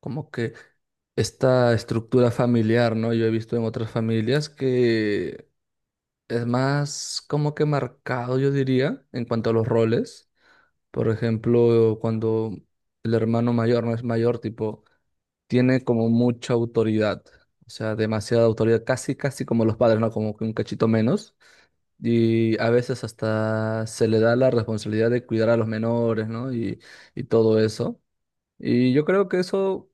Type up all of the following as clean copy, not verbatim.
Como que esta estructura familiar, ¿no? Yo he visto en otras familias que es más como que marcado, yo diría, en cuanto a los roles. Por ejemplo, cuando el hermano mayor no es mayor, tipo, tiene como mucha autoridad, o sea, demasiada autoridad, casi, casi como los padres, ¿no? Como que un cachito menos. Y a veces hasta se le da la responsabilidad de cuidar a los menores, ¿no? Y todo eso. Y yo creo que eso,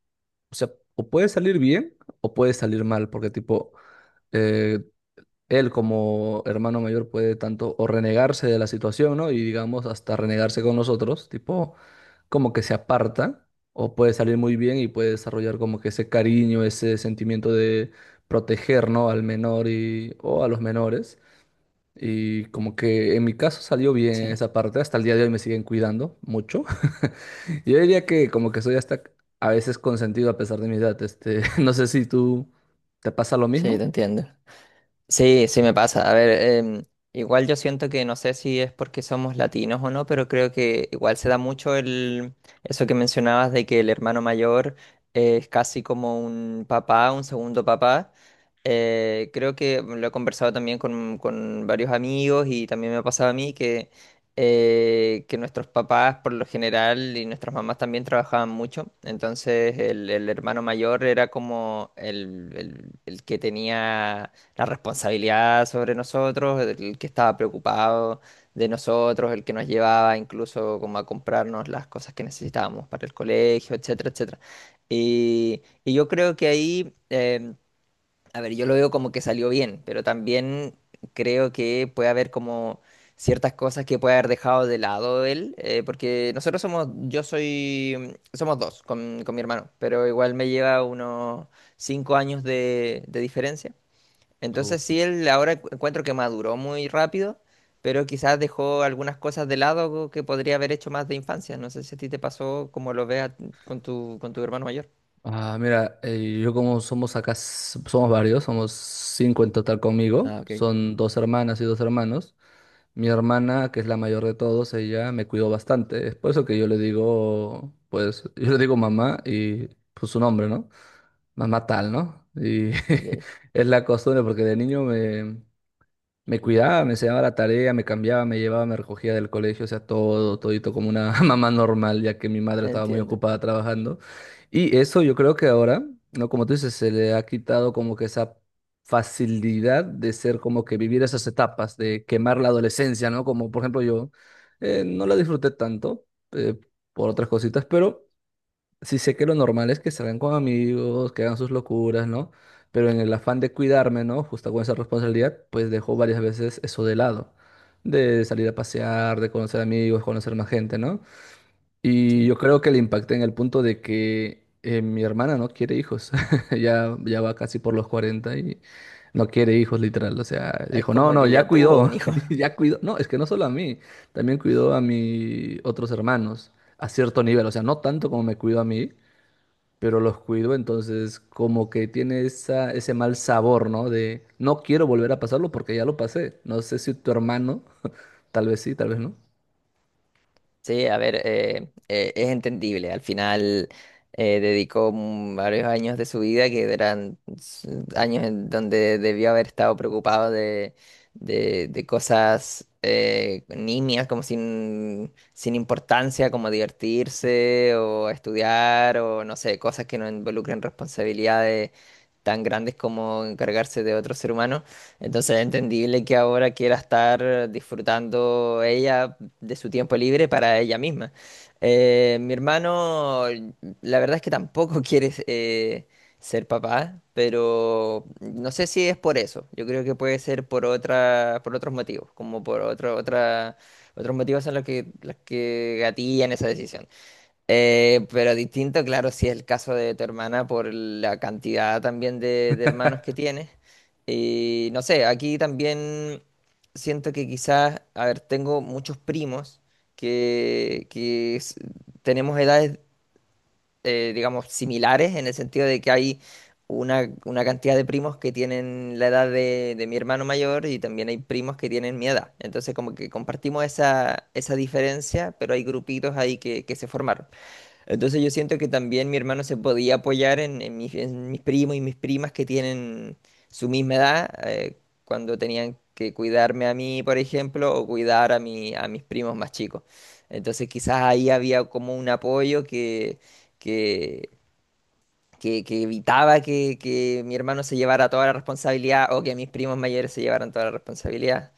o sea, o puede salir bien o puede salir mal, porque tipo, eh, él como hermano mayor puede tanto o renegarse de la situación, ¿no? Y digamos, hasta renegarse con nosotros, tipo, como que se aparta, o puede salir muy bien y puede desarrollar como que ese cariño, ese sentimiento de proteger, ¿no? Al menor y, o a los menores. Y como que en mi caso salió bien Sí, esa parte, hasta el día de hoy me siguen cuidando mucho. Yo diría que como que soy hasta a veces consentido a pesar de mi edad. Este, no sé si tú te pasa lo mismo. sí, te entiendo. Sí, sí me pasa. A ver, em, igual yo siento que no sé si es porque somos latinos o no, pero creo que igual se da mucho el eso que mencionabas de que el hermano mayor es casi como un papá, un segundo papá. Creo que lo he conversado también con varios amigos y también me ha pasado a mí que nuestros papás por lo general y nuestras mamás también trabajaban mucho. Entonces el hermano mayor era como el que tenía la responsabilidad sobre nosotros, el que estaba preocupado de nosotros, el que nos llevaba incluso como a comprarnos las cosas que necesitábamos para el colegio, etcétera, etcétera. Y yo creo que ahí, a ver, yo lo veo como que salió bien, pero también creo que puede haber como ciertas cosas que puede haber dejado de lado él, porque nosotros somos, yo soy, somos dos con mi hermano, pero igual me lleva unos cinco años de diferencia. Entonces sí, él ahora encuentro que maduró muy rápido, pero quizás dejó algunas cosas de lado que podría haber hecho más de infancia. No sé si a ti te pasó como lo veas con tu hermano mayor. Ah, mira, yo como somos acá, somos varios, somos cinco en total conmigo, Ah, ok, son dos hermanas y dos hermanos. Mi hermana, que es la mayor de todos, ella me cuidó bastante, es por eso que yo le digo, pues, yo le digo mamá y pues su nombre, ¿no? Mamá tal, ¿no? Y ok, es la costumbre porque de niño me cuidaba, me enseñaba la tarea, me cambiaba, me llevaba, me recogía del colegio, o sea, todo, todito como una mamá normal, ya que mi madre estaba muy entiendo. ocupada trabajando. Y eso yo creo que ahora, ¿no? Como tú dices, se le ha quitado como que esa facilidad de ser como que vivir esas etapas, de quemar la adolescencia, ¿no? Como por ejemplo yo, no la disfruté tanto eh, por otras cositas, pero... Sí sé que lo normal es que salgan con amigos, que hagan sus locuras, ¿no? Pero en el afán de cuidarme, ¿no? Justo con esa responsabilidad, pues dejo varias veces eso de lado. De salir a pasear, de conocer amigos, conocer más gente, ¿no? Y Sí. yo creo que le impacté en el punto de que mi hermana no quiere hijos. Ya, ya va casi por los 40 y no quiere hijos, literal. O sea, Es dijo, no, como no, que ya ya tuvo cuidó, un hijo. ya cuidó. No, es que no solo a mí, también cuidó a mis otros hermanos a cierto nivel. O sea, no tanto como me cuidó a mí pero los cuido, entonces como que tiene esa, ese mal sabor, ¿no? De no quiero volver a pasarlo porque ya lo pasé. No sé si tu hermano, tal vez sí, tal vez no. Sí, a ver, es entendible. Al final dedicó varios años de su vida que eran años en donde debió haber estado preocupado de cosas nimias, como sin importancia, como divertirse o estudiar o no sé, cosas que no involucren responsabilidades tan grandes como encargarse de otro ser humano. Entonces es entendible que ahora quiera estar disfrutando ella de su tiempo libre para ella misma. Mi hermano, la verdad es que tampoco quiere ser papá, pero no sé si es por eso. Yo creo que puede ser por otra, por otros motivos, como por otro, otra, otros motivos en los que gatillan esa decisión. Pero distinto, claro, si es el caso de tu hermana por la cantidad también de hermanos que tienes. Y no sé, aquí también siento que quizás, a ver, tengo muchos primos que, que s- tenemos edades, digamos, similares en el sentido de que hay una cantidad de primos que tienen la edad de mi hermano mayor y también hay primos que tienen mi edad. Entonces, como que compartimos esa diferencia, pero hay grupitos ahí que se formaron. Entonces yo siento que también mi hermano se podía apoyar en en mis primos y mis primas que tienen su misma edad, cuando tenían que cuidarme a mí, por ejemplo, o cuidar a a mis primos más chicos. Entonces quizás ahí había como un apoyo que, que evitaba que mi hermano se llevara toda la responsabilidad o que mis primos mayores se llevaran toda la responsabilidad.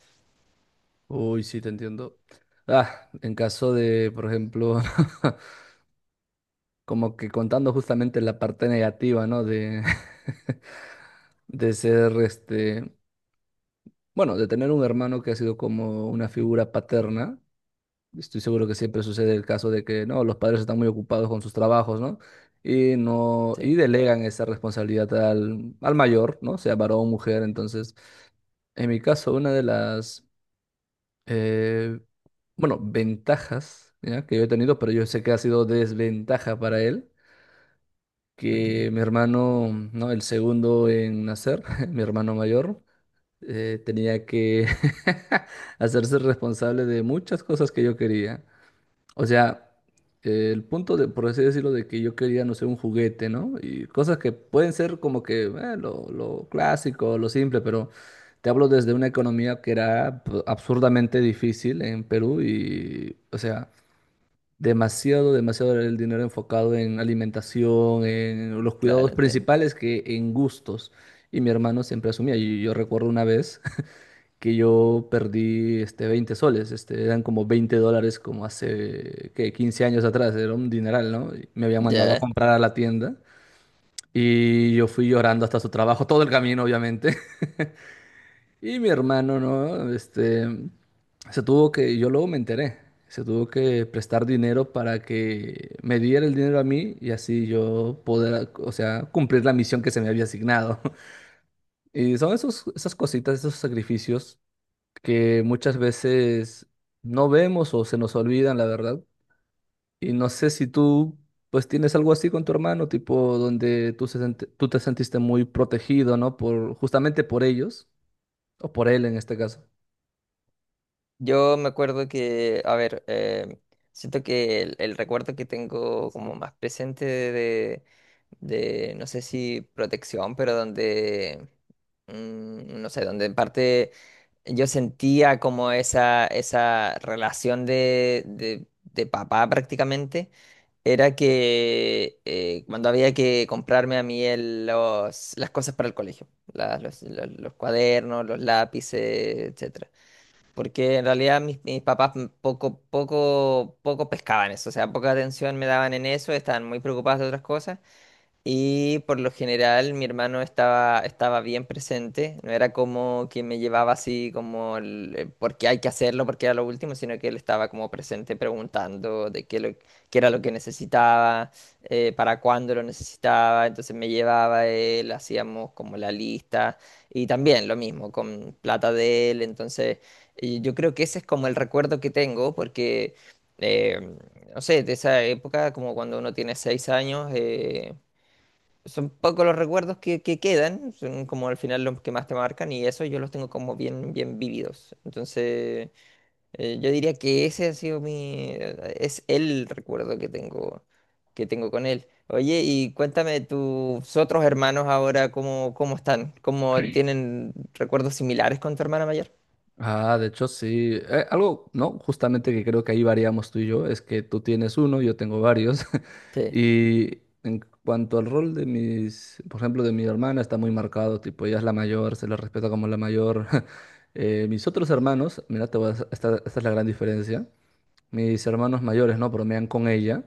Uy, sí, te entiendo. Ah, en caso de, por ejemplo, como que contando justamente la parte negativa, ¿no? De, de ser, este, bueno, de tener un hermano que ha sido como una figura paterna. Estoy seguro que siempre sucede el caso de que no, los padres están muy ocupados con sus trabajos, ¿no? Y no, Sí, y delegan esa responsabilidad al, al mayor, ¿no? Sea varón o mujer. Entonces, en mi caso, una de las, eh, bueno, ventajas, ¿ya? que yo he tenido, pero yo sé que ha sido desventaja para él, ok, que mi hermano, ¿no? El segundo en nacer, mi hermano mayor, tenía que hacerse responsable de muchas cosas que yo quería. O sea, el punto de, por así decirlo, de que yo quería, no sé, un juguete, ¿no? Y cosas que pueden ser como que lo clásico, lo simple, pero te hablo desde una economía que era absurdamente difícil en Perú y, o sea, demasiado, demasiado era el dinero enfocado en alimentación, en los cuidados claro, entiendo. principales que en gustos. Y mi hermano siempre asumía. Y yo recuerdo una vez que yo perdí este 20 soles, este, eran como 20 dólares como hace, ¿qué? 15 años atrás, era un dineral, ¿no? Y me habían mandado a Ya. comprar a la tienda y yo fui llorando hasta su trabajo, todo el camino, obviamente. Y mi hermano, ¿no? Este, se tuvo que, yo luego me enteré, se tuvo que prestar dinero para que me diera el dinero a mí y así yo poder, o sea, cumplir la misión que se me había asignado. Y son esos, esas cositas, esos sacrificios que muchas veces no vemos o se nos olvidan, la verdad. Y no sé si tú, pues, tienes algo así con tu hermano, tipo donde tú, tú te sentiste muy protegido, ¿no? Por, justamente por ellos, o por él en este caso. Yo me acuerdo que, a ver, siento que el recuerdo que tengo como más presente de, no sé si protección, pero donde, no sé, donde en parte yo sentía como esa relación de papá prácticamente, era que cuando había que comprarme a mí las cosas para el colegio, los cuadernos, los lápices, etc. Porque en realidad mis papás poco, poco, poco pescaban eso, o sea, poca atención me daban en eso, estaban muy preocupados de otras cosas. Y por lo general mi hermano estaba bien presente, no era como que me llevaba así como el, porque hay que hacerlo, porque era lo último, sino que él estaba como presente preguntando de qué era lo que necesitaba, para cuándo lo necesitaba, entonces me llevaba él, hacíamos como la lista y también lo mismo con plata de él, entonces yo creo que ese es como el recuerdo que tengo porque... eh, no sé, de esa época, como cuando uno tiene seis años. Son pocos los recuerdos que quedan, son como al final los que más te marcan y eso yo los tengo como bien, bien vividos. Entonces, yo diría que ese ha sido mi, es el recuerdo que tengo con él. Oye, y cuéntame tus otros hermanos ahora, ¿cómo, cómo están? ¿Cómo tienen recuerdos similares con tu hermana mayor? Ah, de hecho, sí. Algo, ¿no? Justamente que creo que ahí variamos tú y yo, es que tú tienes uno, yo tengo varios. Sí, Y en cuanto al rol de mis, por ejemplo, de mi hermana, está muy marcado, tipo, ella es la mayor, se la respeta como la mayor. Mis otros hermanos, mira, te voy a, esta es la gran diferencia. Mis hermanos mayores, ¿no? Bromean con ella.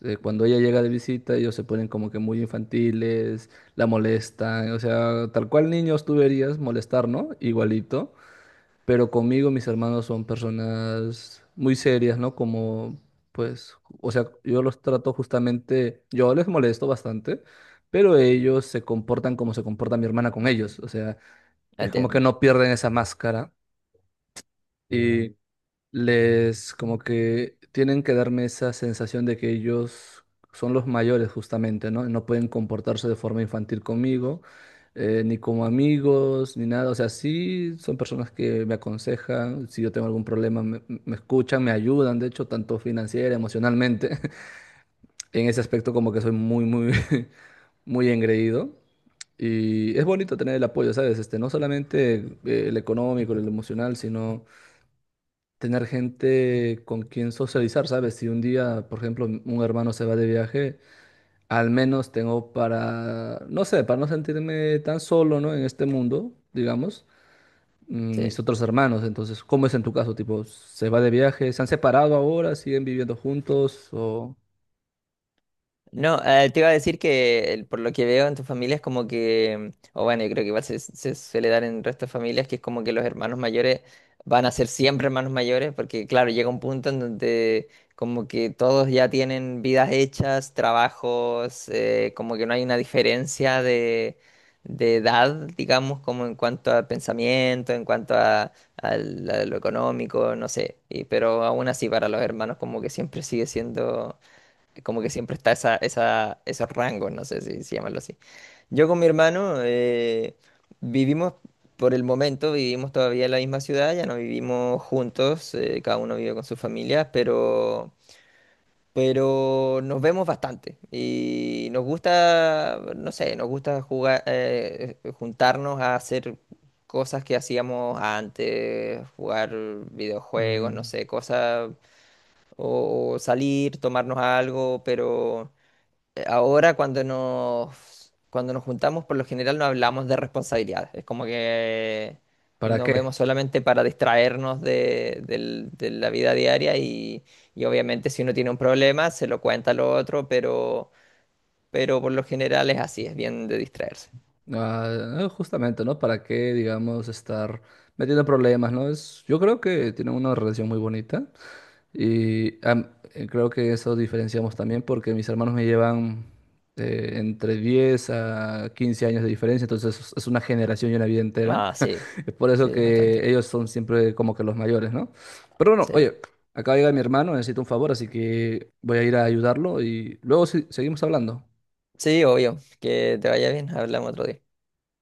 Cuando ella llega de visita, ellos se ponen como que muy infantiles, la molestan, o sea, tal cual niños tú verías molestar, ¿no? Igualito, pero conmigo mis hermanos son personas muy serias, ¿no? Como, pues, o sea, yo los trato justamente, yo les molesto bastante, pero ellos se comportan como se comporta mi hermana con ellos, o sea, es como que entiendo. no pierden esa máscara y les como que tienen que darme esa sensación de que ellos son los mayores justamente, ¿no? No pueden comportarse de forma infantil conmigo, ni como amigos, ni nada. O sea, sí son personas que me aconsejan, si yo tengo algún problema me escuchan, me ayudan, de hecho, tanto financiera, emocionalmente. En ese aspecto como que soy muy, muy, muy engreído. Y es bonito tener el apoyo, ¿sabes? Este, no solamente el económico, el emocional, sino tener gente con quien socializar, ¿sabes? Si un día, por ejemplo, un hermano se va de viaje, al menos tengo para, no sé, para no sentirme tan solo, ¿no? En este mundo, digamos, mm, Sí. mis otros hermanos. Entonces, ¿cómo es en tu caso? Tipo, ¿se va de viaje? ¿Se han separado ahora? ¿Siguen viviendo juntos? ¿O No, te iba a decir que por lo que veo en tu familia es como que, o bueno, yo creo que igual se suele dar en el resto de familias que es como que los hermanos mayores van a ser siempre hermanos mayores, porque claro, llega un punto en donde como que todos ya tienen vidas hechas, trabajos, como que no hay una diferencia de edad, digamos, como en cuanto a pensamiento, en cuanto a, a lo económico, no sé, y- pero aún así para los hermanos como que siempre sigue siendo como que siempre está esa, esa, esos rangos, no sé si, si llamarlo así. Yo con mi hermano vivimos, por el momento, vivimos todavía en la misma ciudad, ya no vivimos juntos, cada uno vive con sus familias, pero nos vemos bastante y nos gusta, no sé, nos gusta jugar, juntarnos a hacer cosas que hacíamos antes, jugar videojuegos, no mm, sé, cosas, o salir, tomarnos algo, pero ahora cuando nos juntamos, por lo general no hablamos de responsabilidades. Es como que para nos qué? vemos solamente para distraernos de la vida diaria y obviamente si uno tiene un problema se lo cuenta al otro, pero por lo general es así, es bien de distraerse. Ah, justamente, ¿no? ¿Para qué, digamos, estar metiendo problemas, ¿no? Es, yo creo que tienen una relación muy bonita. Y creo que eso diferenciamos también porque mis hermanos me llevan entre 10 a 15 años de diferencia, entonces es una generación y una vida entera. Ah, sí, Es por eso sí, es bastante. que ellos son siempre como que los mayores, ¿no? Pero bueno, Sí, oye, acá llega mi hermano, necesito un favor, así que voy a ir a ayudarlo y luego seguimos hablando. sí, obvio. Que te vaya bien, hablamos otro día.